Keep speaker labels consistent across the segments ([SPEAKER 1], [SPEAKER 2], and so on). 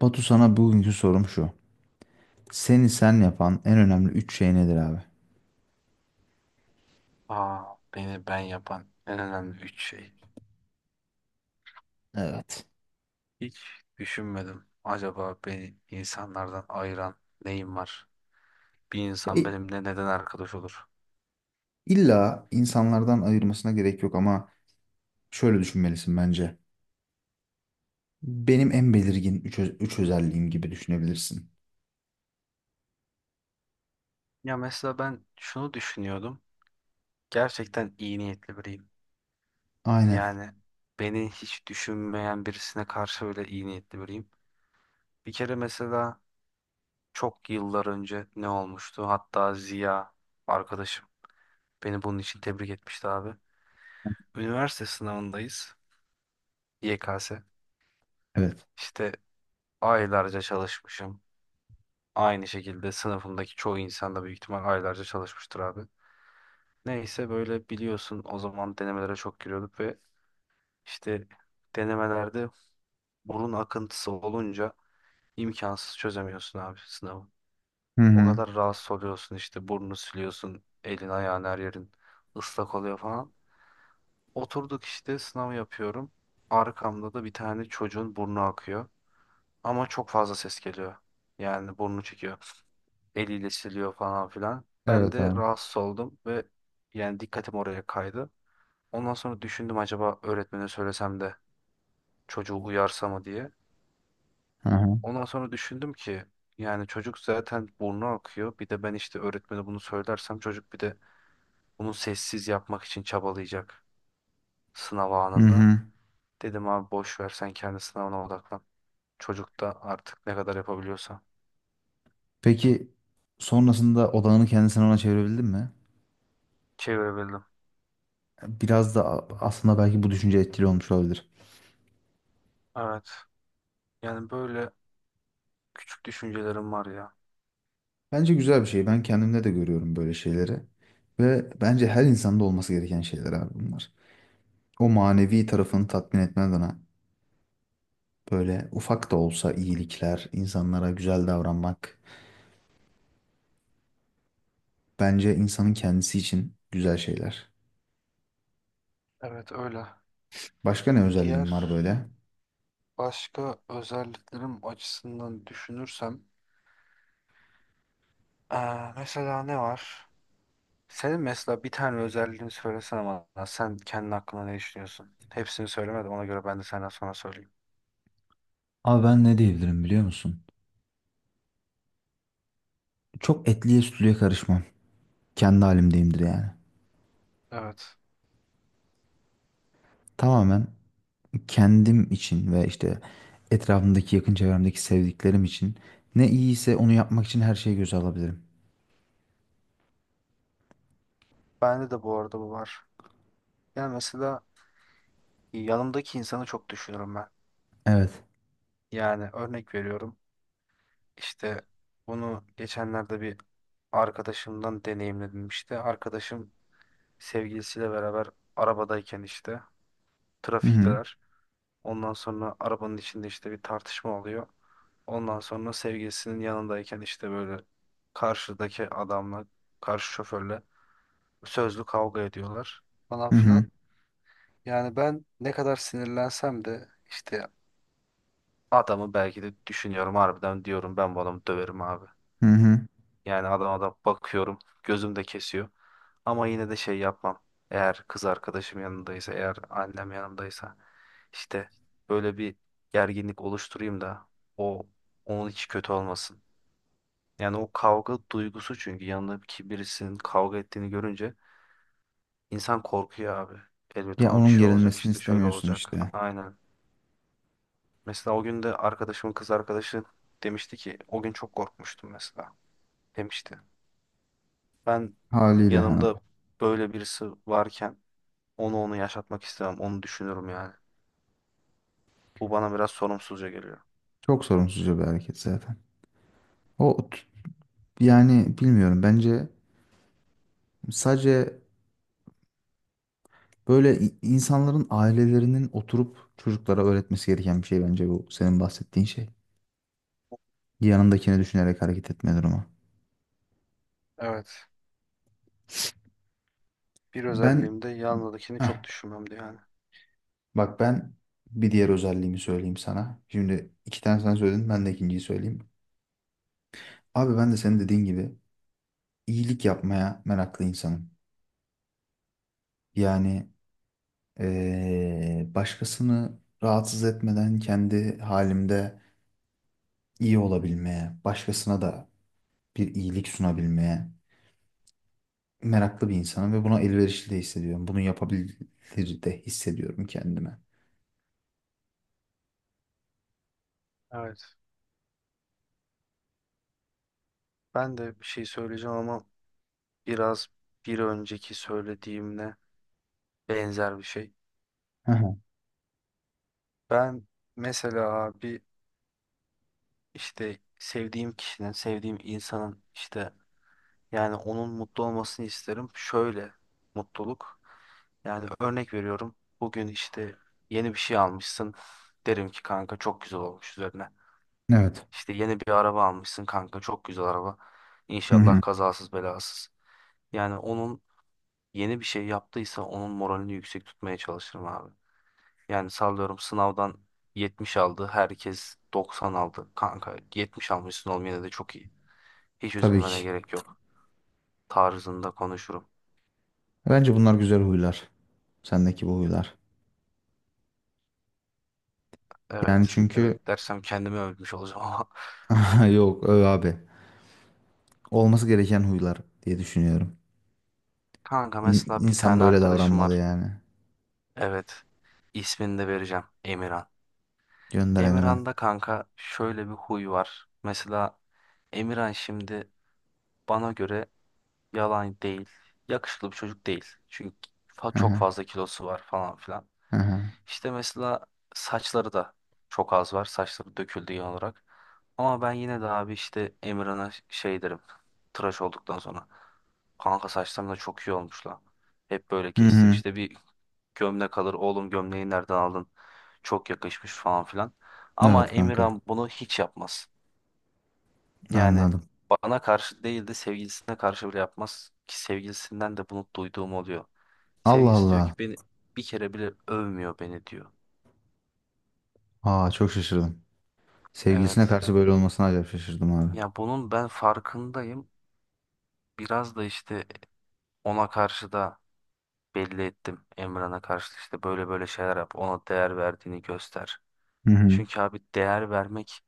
[SPEAKER 1] Batu, sana bugünkü sorum şu. Seni sen yapan en önemli üç şey nedir abi?
[SPEAKER 2] Aa, beni ben yapan en önemli üç şey.
[SPEAKER 1] Evet.
[SPEAKER 2] Hiç düşünmedim. Acaba beni insanlardan ayıran neyim var? Bir
[SPEAKER 1] Ya,
[SPEAKER 2] insan benimle neden arkadaş olur?
[SPEAKER 1] İlla insanlardan ayırmasına gerek yok ama şöyle düşünmelisin bence. Benim en belirgin üç özelliğim gibi düşünebilirsin.
[SPEAKER 2] Ya mesela ben şunu düşünüyordum. Gerçekten iyi niyetli biriyim.
[SPEAKER 1] Aynen.
[SPEAKER 2] Yani beni hiç düşünmeyen birisine karşı öyle iyi niyetli biriyim. Bir kere mesela çok yıllar önce ne olmuştu? Hatta Ziya arkadaşım beni bunun için tebrik etmişti abi. Üniversite sınavındayız. YKS.
[SPEAKER 1] Evet.
[SPEAKER 2] İşte aylarca çalışmışım. Aynı şekilde sınıfımdaki çoğu insan da büyük ihtimal aylarca çalışmıştır abi. Neyse böyle biliyorsun o zaman denemelere çok giriyorduk ve işte denemelerde burun akıntısı olunca imkansız çözemiyorsun abi sınavı.
[SPEAKER 1] Hı
[SPEAKER 2] O
[SPEAKER 1] hı.
[SPEAKER 2] kadar rahatsız oluyorsun işte burnunu siliyorsun, elin ayağın her yerin ıslak oluyor falan. Oturduk işte sınav yapıyorum. Arkamda da bir tane çocuğun burnu akıyor ama çok fazla ses geliyor. Yani burnu çekiyor, eliyle siliyor falan filan. Ben
[SPEAKER 1] Evet
[SPEAKER 2] de
[SPEAKER 1] abi.
[SPEAKER 2] rahatsız oldum ve yani dikkatim oraya kaydı. Ondan sonra düşündüm acaba öğretmene söylesem de çocuğu uyarsa mı diye.
[SPEAKER 1] Hı hı.
[SPEAKER 2] Ondan sonra düşündüm ki yani çocuk zaten burnu akıyor. Bir de ben işte öğretmene bunu söylersem çocuk bir de bunu sessiz yapmak için çabalayacak sınav
[SPEAKER 1] Hı
[SPEAKER 2] anında.
[SPEAKER 1] hı.
[SPEAKER 2] Dedim abi boş ver sen kendi sınavına odaklan. Çocuk da artık ne kadar yapabiliyorsa,
[SPEAKER 1] Peki, sonrasında odağını kendisine ona çevirebildin mi?
[SPEAKER 2] çevirebildim.
[SPEAKER 1] Biraz da aslında belki bu düşünce etkili olmuş olabilir.
[SPEAKER 2] Evet. Yani böyle küçük düşüncelerim var ya.
[SPEAKER 1] Bence güzel bir şey. Ben kendimde de görüyorum böyle şeyleri. Ve bence her insanda olması gereken şeyler abi bunlar. O manevi tarafını tatmin etmen adına böyle ufak da olsa iyilikler, insanlara güzel davranmak bence insanın kendisi için güzel şeyler.
[SPEAKER 2] Evet öyle.
[SPEAKER 1] Başka ne özelliğim var
[SPEAKER 2] Diğer
[SPEAKER 1] böyle?
[SPEAKER 2] başka özelliklerim açısından düşünürsem mesela ne var? Senin mesela bir tane özelliğini söylesene bana. Sen kendi hakkında ne düşünüyorsun? Hepsini söylemedim. Ona göre ben de senden sonra söyleyeyim.
[SPEAKER 1] Abi ben ne diyebilirim biliyor musun? Çok etliye sütlüye karışmam. Kendi halimdeyimdir yani.
[SPEAKER 2] Evet.
[SPEAKER 1] Tamamen kendim için ve işte etrafımdaki yakın çevremdeki sevdiklerim için ne iyiyse onu yapmak için her şeyi göze alabilirim.
[SPEAKER 2] Bende de bu arada bu var. Yani mesela yanımdaki insanı çok düşünürüm ben.
[SPEAKER 1] Evet.
[SPEAKER 2] Yani örnek veriyorum. İşte bunu geçenlerde bir arkadaşımdan deneyimledim işte. Arkadaşım sevgilisiyle beraber arabadayken işte
[SPEAKER 1] Hı hı.
[SPEAKER 2] trafikteler. Ondan sonra arabanın içinde işte bir tartışma oluyor. Ondan sonra sevgilisinin yanındayken işte böyle karşıdaki adamla, karşı şoförle sözlü kavga ediyorlar falan
[SPEAKER 1] Hı hı.
[SPEAKER 2] filan. Yani ben ne kadar sinirlensem de işte adamı belki de düşünüyorum, harbiden diyorum ben bu adamı döverim abi.
[SPEAKER 1] Hı hı.
[SPEAKER 2] Yani adam da bakıyorum, gözüm de kesiyor. Ama yine de şey yapmam. Eğer kız arkadaşım yanındaysa, eğer annem yanındaysa işte böyle bir gerginlik oluşturayım da o onun hiç kötü olmasın. Yani o kavga duygusu, çünkü yanındaki birisinin kavga ettiğini görünce insan korkuyor abi. Elbet
[SPEAKER 1] Ya,
[SPEAKER 2] ona bir
[SPEAKER 1] onun
[SPEAKER 2] şey olacak
[SPEAKER 1] gerilmesini
[SPEAKER 2] işte şöyle
[SPEAKER 1] istemiyorsun
[SPEAKER 2] olacak.
[SPEAKER 1] işte.
[SPEAKER 2] Aynen. Mesela o gün de arkadaşımın kız arkadaşı demişti ki o gün çok korkmuştum mesela demişti. Ben
[SPEAKER 1] Haliyle hani.
[SPEAKER 2] yanımda böyle birisi varken Onu yaşatmak istemem. Onu düşünürüm yani. Bu bana biraz sorumsuzca geliyor.
[SPEAKER 1] Çok sorumsuzca bir hareket zaten. O t- Yani bilmiyorum, bence sadece böyle insanların ailelerinin oturup çocuklara öğretmesi gereken bir şey, bence bu senin bahsettiğin şey. Yanındakini düşünerek hareket etme durumu.
[SPEAKER 2] Evet. Bir
[SPEAKER 1] Ben
[SPEAKER 2] özelliğim de yanındakini çok
[SPEAKER 1] Heh,
[SPEAKER 2] düşünmemdi yani.
[SPEAKER 1] bak ben bir diğer özelliğimi söyleyeyim sana. Şimdi iki tane sen söyledin, ben de ikinciyi söyleyeyim. Abi ben de senin dediğin gibi iyilik yapmaya meraklı insanım. Yani başkasını rahatsız etmeden kendi halimde iyi olabilmeye, başkasına da bir iyilik sunabilmeye meraklı bir insanım ve buna elverişli de hissediyorum. Bunu yapabilir de hissediyorum kendime.
[SPEAKER 2] Evet. Ben de bir şey söyleyeceğim ama biraz bir önceki söylediğimle benzer bir şey.
[SPEAKER 1] Hı hı.
[SPEAKER 2] Ben mesela abi işte sevdiğim kişinin, sevdiğim insanın işte yani onun mutlu olmasını isterim. Şöyle mutluluk. Yani örnek veriyorum. Bugün işte yeni bir şey almışsın. Derim ki kanka çok güzel olmuş üzerine.
[SPEAKER 1] Evet.
[SPEAKER 2] İşte yeni bir araba almışsın kanka, çok güzel araba.
[SPEAKER 1] Hı
[SPEAKER 2] İnşallah
[SPEAKER 1] hı.
[SPEAKER 2] kazasız belasız. Yani onun yeni bir şey yaptıysa onun moralini yüksek tutmaya çalışırım abi. Yani sallıyorum sınavdan 70 aldı, herkes 90 aldı. Kanka 70 almışsın oğlum yine de çok iyi. Hiç
[SPEAKER 1] Tabii
[SPEAKER 2] üzülmene
[SPEAKER 1] ki.
[SPEAKER 2] gerek yok tarzında konuşurum.
[SPEAKER 1] Bence bunlar güzel huylar. Sendeki bu huylar. Yani
[SPEAKER 2] Evet
[SPEAKER 1] çünkü
[SPEAKER 2] evet dersem kendimi övmüş olacağım ama.
[SPEAKER 1] yok öyle abi. Olması gereken huylar diye düşünüyorum.
[SPEAKER 2] Kanka
[SPEAKER 1] İn-
[SPEAKER 2] mesela bir
[SPEAKER 1] İnsan
[SPEAKER 2] tane
[SPEAKER 1] böyle
[SPEAKER 2] arkadaşım
[SPEAKER 1] davranmalı
[SPEAKER 2] var.
[SPEAKER 1] yani.
[SPEAKER 2] Evet, ismini de vereceğim, Emirhan.
[SPEAKER 1] Gönder Emirhan.
[SPEAKER 2] Emirhan'da kanka şöyle bir huy var. Mesela Emirhan şimdi bana göre, yalan değil, yakışıklı bir çocuk değil. Çünkü
[SPEAKER 1] Hı
[SPEAKER 2] çok
[SPEAKER 1] hı.
[SPEAKER 2] fazla kilosu var falan filan.
[SPEAKER 1] Hı hı.
[SPEAKER 2] İşte mesela saçları da çok az var. Saçları döküldü genel olarak. Ama ben yine de abi işte Emirhan'a şey derim. Tıraş olduktan sonra. Kanka saçlarım da çok iyi olmuş lan. Hep böyle
[SPEAKER 1] Hı
[SPEAKER 2] kestir.
[SPEAKER 1] hı.
[SPEAKER 2] İşte bir gömlek alır. Oğlum gömleği nereden aldın? Çok yakışmış falan filan. Ama
[SPEAKER 1] Evet kanka.
[SPEAKER 2] Emirhan bunu hiç yapmaz. Yani
[SPEAKER 1] Anladım.
[SPEAKER 2] bana karşı değil de sevgilisine karşı bile yapmaz. Ki sevgilisinden de bunu duyduğum oluyor.
[SPEAKER 1] Allah
[SPEAKER 2] Sevgilisi diyor
[SPEAKER 1] Allah.
[SPEAKER 2] ki beni bir kere bile övmüyor beni diyor.
[SPEAKER 1] Aa, çok şaşırdım. Sevgilisine
[SPEAKER 2] Evet.
[SPEAKER 1] karşı böyle olmasına acayip şaşırdım abi.
[SPEAKER 2] Ya bunun ben farkındayım. Biraz da işte ona karşı da belli ettim. Emran'a karşı da işte böyle böyle şeyler yap. Ona değer verdiğini göster.
[SPEAKER 1] Hı hı.
[SPEAKER 2] Çünkü abi değer vermek,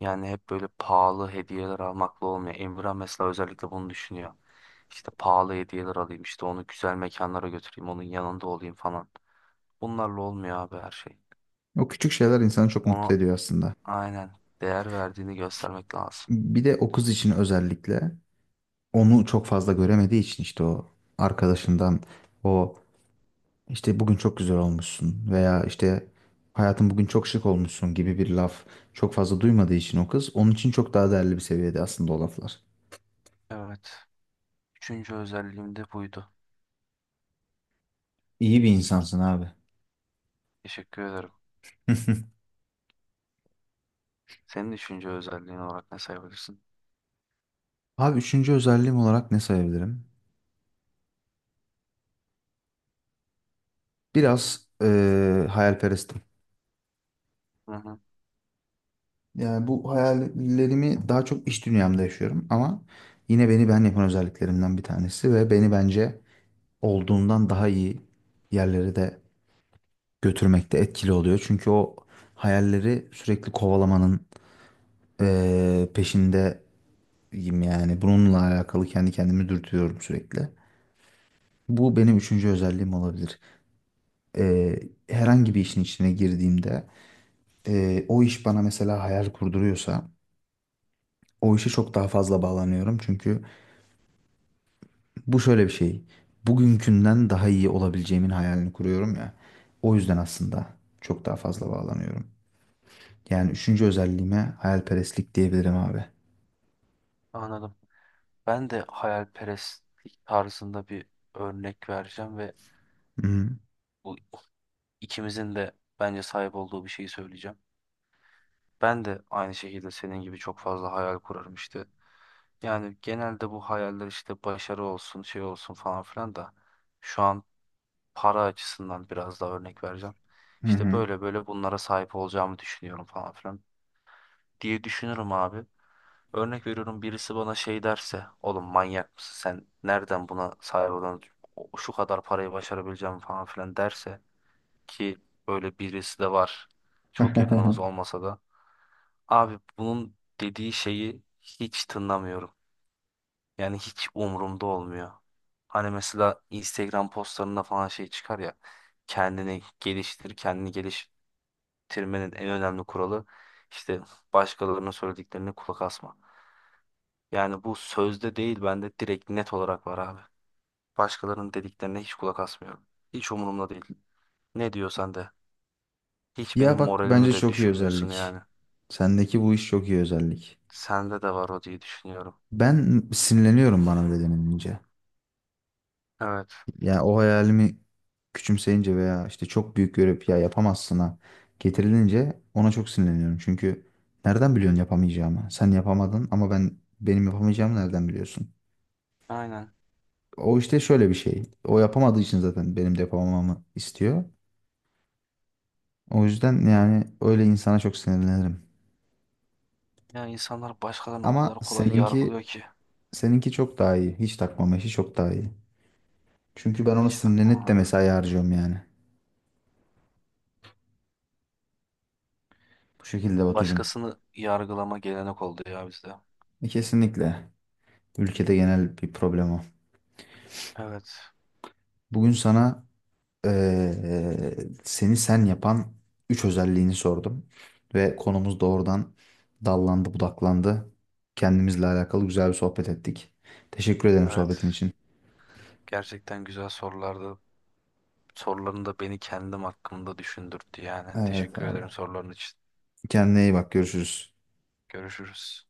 [SPEAKER 2] yani hep böyle pahalı hediyeler almakla olmuyor. Emrah mesela özellikle bunu düşünüyor. İşte pahalı hediyeler alayım, işte onu güzel mekanlara götüreyim, onun yanında olayım falan. Bunlarla olmuyor abi her şey.
[SPEAKER 1] O küçük şeyler insanı çok
[SPEAKER 2] Ona
[SPEAKER 1] mutlu ediyor aslında.
[SPEAKER 2] aynen değer verdiğini göstermek lazım.
[SPEAKER 1] Bir de o kız için özellikle onu çok fazla göremediği için işte o arkadaşından, o işte bugün çok güzel olmuşsun veya işte hayatım bugün çok şık olmuşsun gibi bir laf çok fazla duymadığı için, o kız onun için çok daha değerli bir seviyede aslında o laflar.
[SPEAKER 2] Evet. Üçüncü özelliğim de buydu.
[SPEAKER 1] İyi bir insansın abi.
[SPEAKER 2] Teşekkür ederim. Senin üçüncü özelliğin olarak ne sayabilirsin?
[SPEAKER 1] Abi, üçüncü özelliğim olarak ne sayabilirim? Biraz hayalperestim.
[SPEAKER 2] Hı hı,
[SPEAKER 1] Yani bu hayallerimi daha çok iş dünyamda yaşıyorum ama yine beni ben yapan özelliklerimden bir tanesi ve beni bence olduğumdan daha iyi yerlere de götürmekte etkili oluyor. Çünkü o hayalleri sürekli kovalamanın peşindeyim yani. Bununla alakalı kendi kendimi dürtüyorum sürekli. Bu benim üçüncü özelliğim olabilir. Herhangi bir işin içine girdiğimde o iş bana mesela hayal kurduruyorsa, o işe çok daha fazla bağlanıyorum. Çünkü bu şöyle bir şey. Bugünkünden daha iyi olabileceğimin hayalini kuruyorum ya. O yüzden aslında çok daha fazla bağlanıyorum. Yani üçüncü özelliğime hayalperestlik diyebilirim abi.
[SPEAKER 2] anladım. Ben de hayalperestlik tarzında bir örnek vereceğim ve
[SPEAKER 1] Hı hı.
[SPEAKER 2] bu ikimizin de bence sahip olduğu bir şeyi söyleyeceğim. Ben de aynı şekilde senin gibi çok fazla hayal kurarım işte. Yani genelde bu hayaller işte başarı olsun, şey olsun falan filan da şu an para açısından biraz daha örnek vereceğim. İşte
[SPEAKER 1] Hı
[SPEAKER 2] böyle böyle bunlara sahip olacağımı düşünüyorum falan filan diye düşünürüm abi. Örnek veriyorum, birisi bana şey derse, oğlum manyak mısın sen? Nereden buna sahip olan şu kadar parayı başarabileceğim falan filan derse, ki böyle birisi de var. Çok yakınımız olmasa da. Abi bunun dediği şeyi hiç tınlamıyorum. Yani hiç umurumda olmuyor. Hani mesela Instagram postlarında falan şey çıkar ya. Kendini geliştir, kendini geliştirmenin en önemli kuralı işte başkalarının söylediklerine kulak asma. Yani bu sözde değil bende direkt net olarak var abi. Başkalarının dediklerine hiç kulak asmıyorum. Hiç umurumda değil. Ne diyorsan de. Hiç benim
[SPEAKER 1] Ya bak,
[SPEAKER 2] moralimi
[SPEAKER 1] bence
[SPEAKER 2] de
[SPEAKER 1] çok iyi
[SPEAKER 2] düşürmüyorsun
[SPEAKER 1] özellik.
[SPEAKER 2] yani.
[SPEAKER 1] Sendeki bu iş çok iyi özellik.
[SPEAKER 2] Sende de var o diye düşünüyorum.
[SPEAKER 1] Ben sinirleniyorum bana öyle denilince.
[SPEAKER 2] Evet.
[SPEAKER 1] Ya, o hayalimi küçümseyince veya işte çok büyük görüp ya yapamazsına getirilince ona çok sinirleniyorum. Çünkü nereden biliyorsun yapamayacağımı? Sen yapamadın ama ben, benim yapamayacağımı nereden biliyorsun?
[SPEAKER 2] Aynen.
[SPEAKER 1] O işte şöyle bir şey. O yapamadığı için zaten benim de yapamamamı istiyor. O yüzden yani öyle insana çok sinirlenirim.
[SPEAKER 2] Ya insanlar başkalarını o
[SPEAKER 1] Ama
[SPEAKER 2] kadar kolay
[SPEAKER 1] seninki
[SPEAKER 2] yargılıyor ki.
[SPEAKER 1] seninki çok daha iyi. Hiç takmama işi çok daha iyi. Çünkü ben ona
[SPEAKER 2] Hiç
[SPEAKER 1] sinirlenip
[SPEAKER 2] takmam
[SPEAKER 1] de
[SPEAKER 2] abi.
[SPEAKER 1] mesai harcıyorum yani. Bu şekilde Batucuğum.
[SPEAKER 2] Başkasını yargılama gelenek oldu ya bizde.
[SPEAKER 1] E, kesinlikle. Ülkede genel bir problem o.
[SPEAKER 2] Evet,
[SPEAKER 1] Bugün sana eee, seni sen yapan üç özelliğini sordum ve konumuz doğrudan dallandı, budaklandı. Kendimizle alakalı güzel bir sohbet ettik. Teşekkür ederim sohbetin
[SPEAKER 2] evet.
[SPEAKER 1] için.
[SPEAKER 2] Gerçekten güzel sorulardı. Soruların da beni kendim hakkında düşündürttü yani.
[SPEAKER 1] Evet
[SPEAKER 2] Teşekkür
[SPEAKER 1] abi.
[SPEAKER 2] ederim soruların için.
[SPEAKER 1] Kendine iyi bak, görüşürüz.
[SPEAKER 2] Görüşürüz.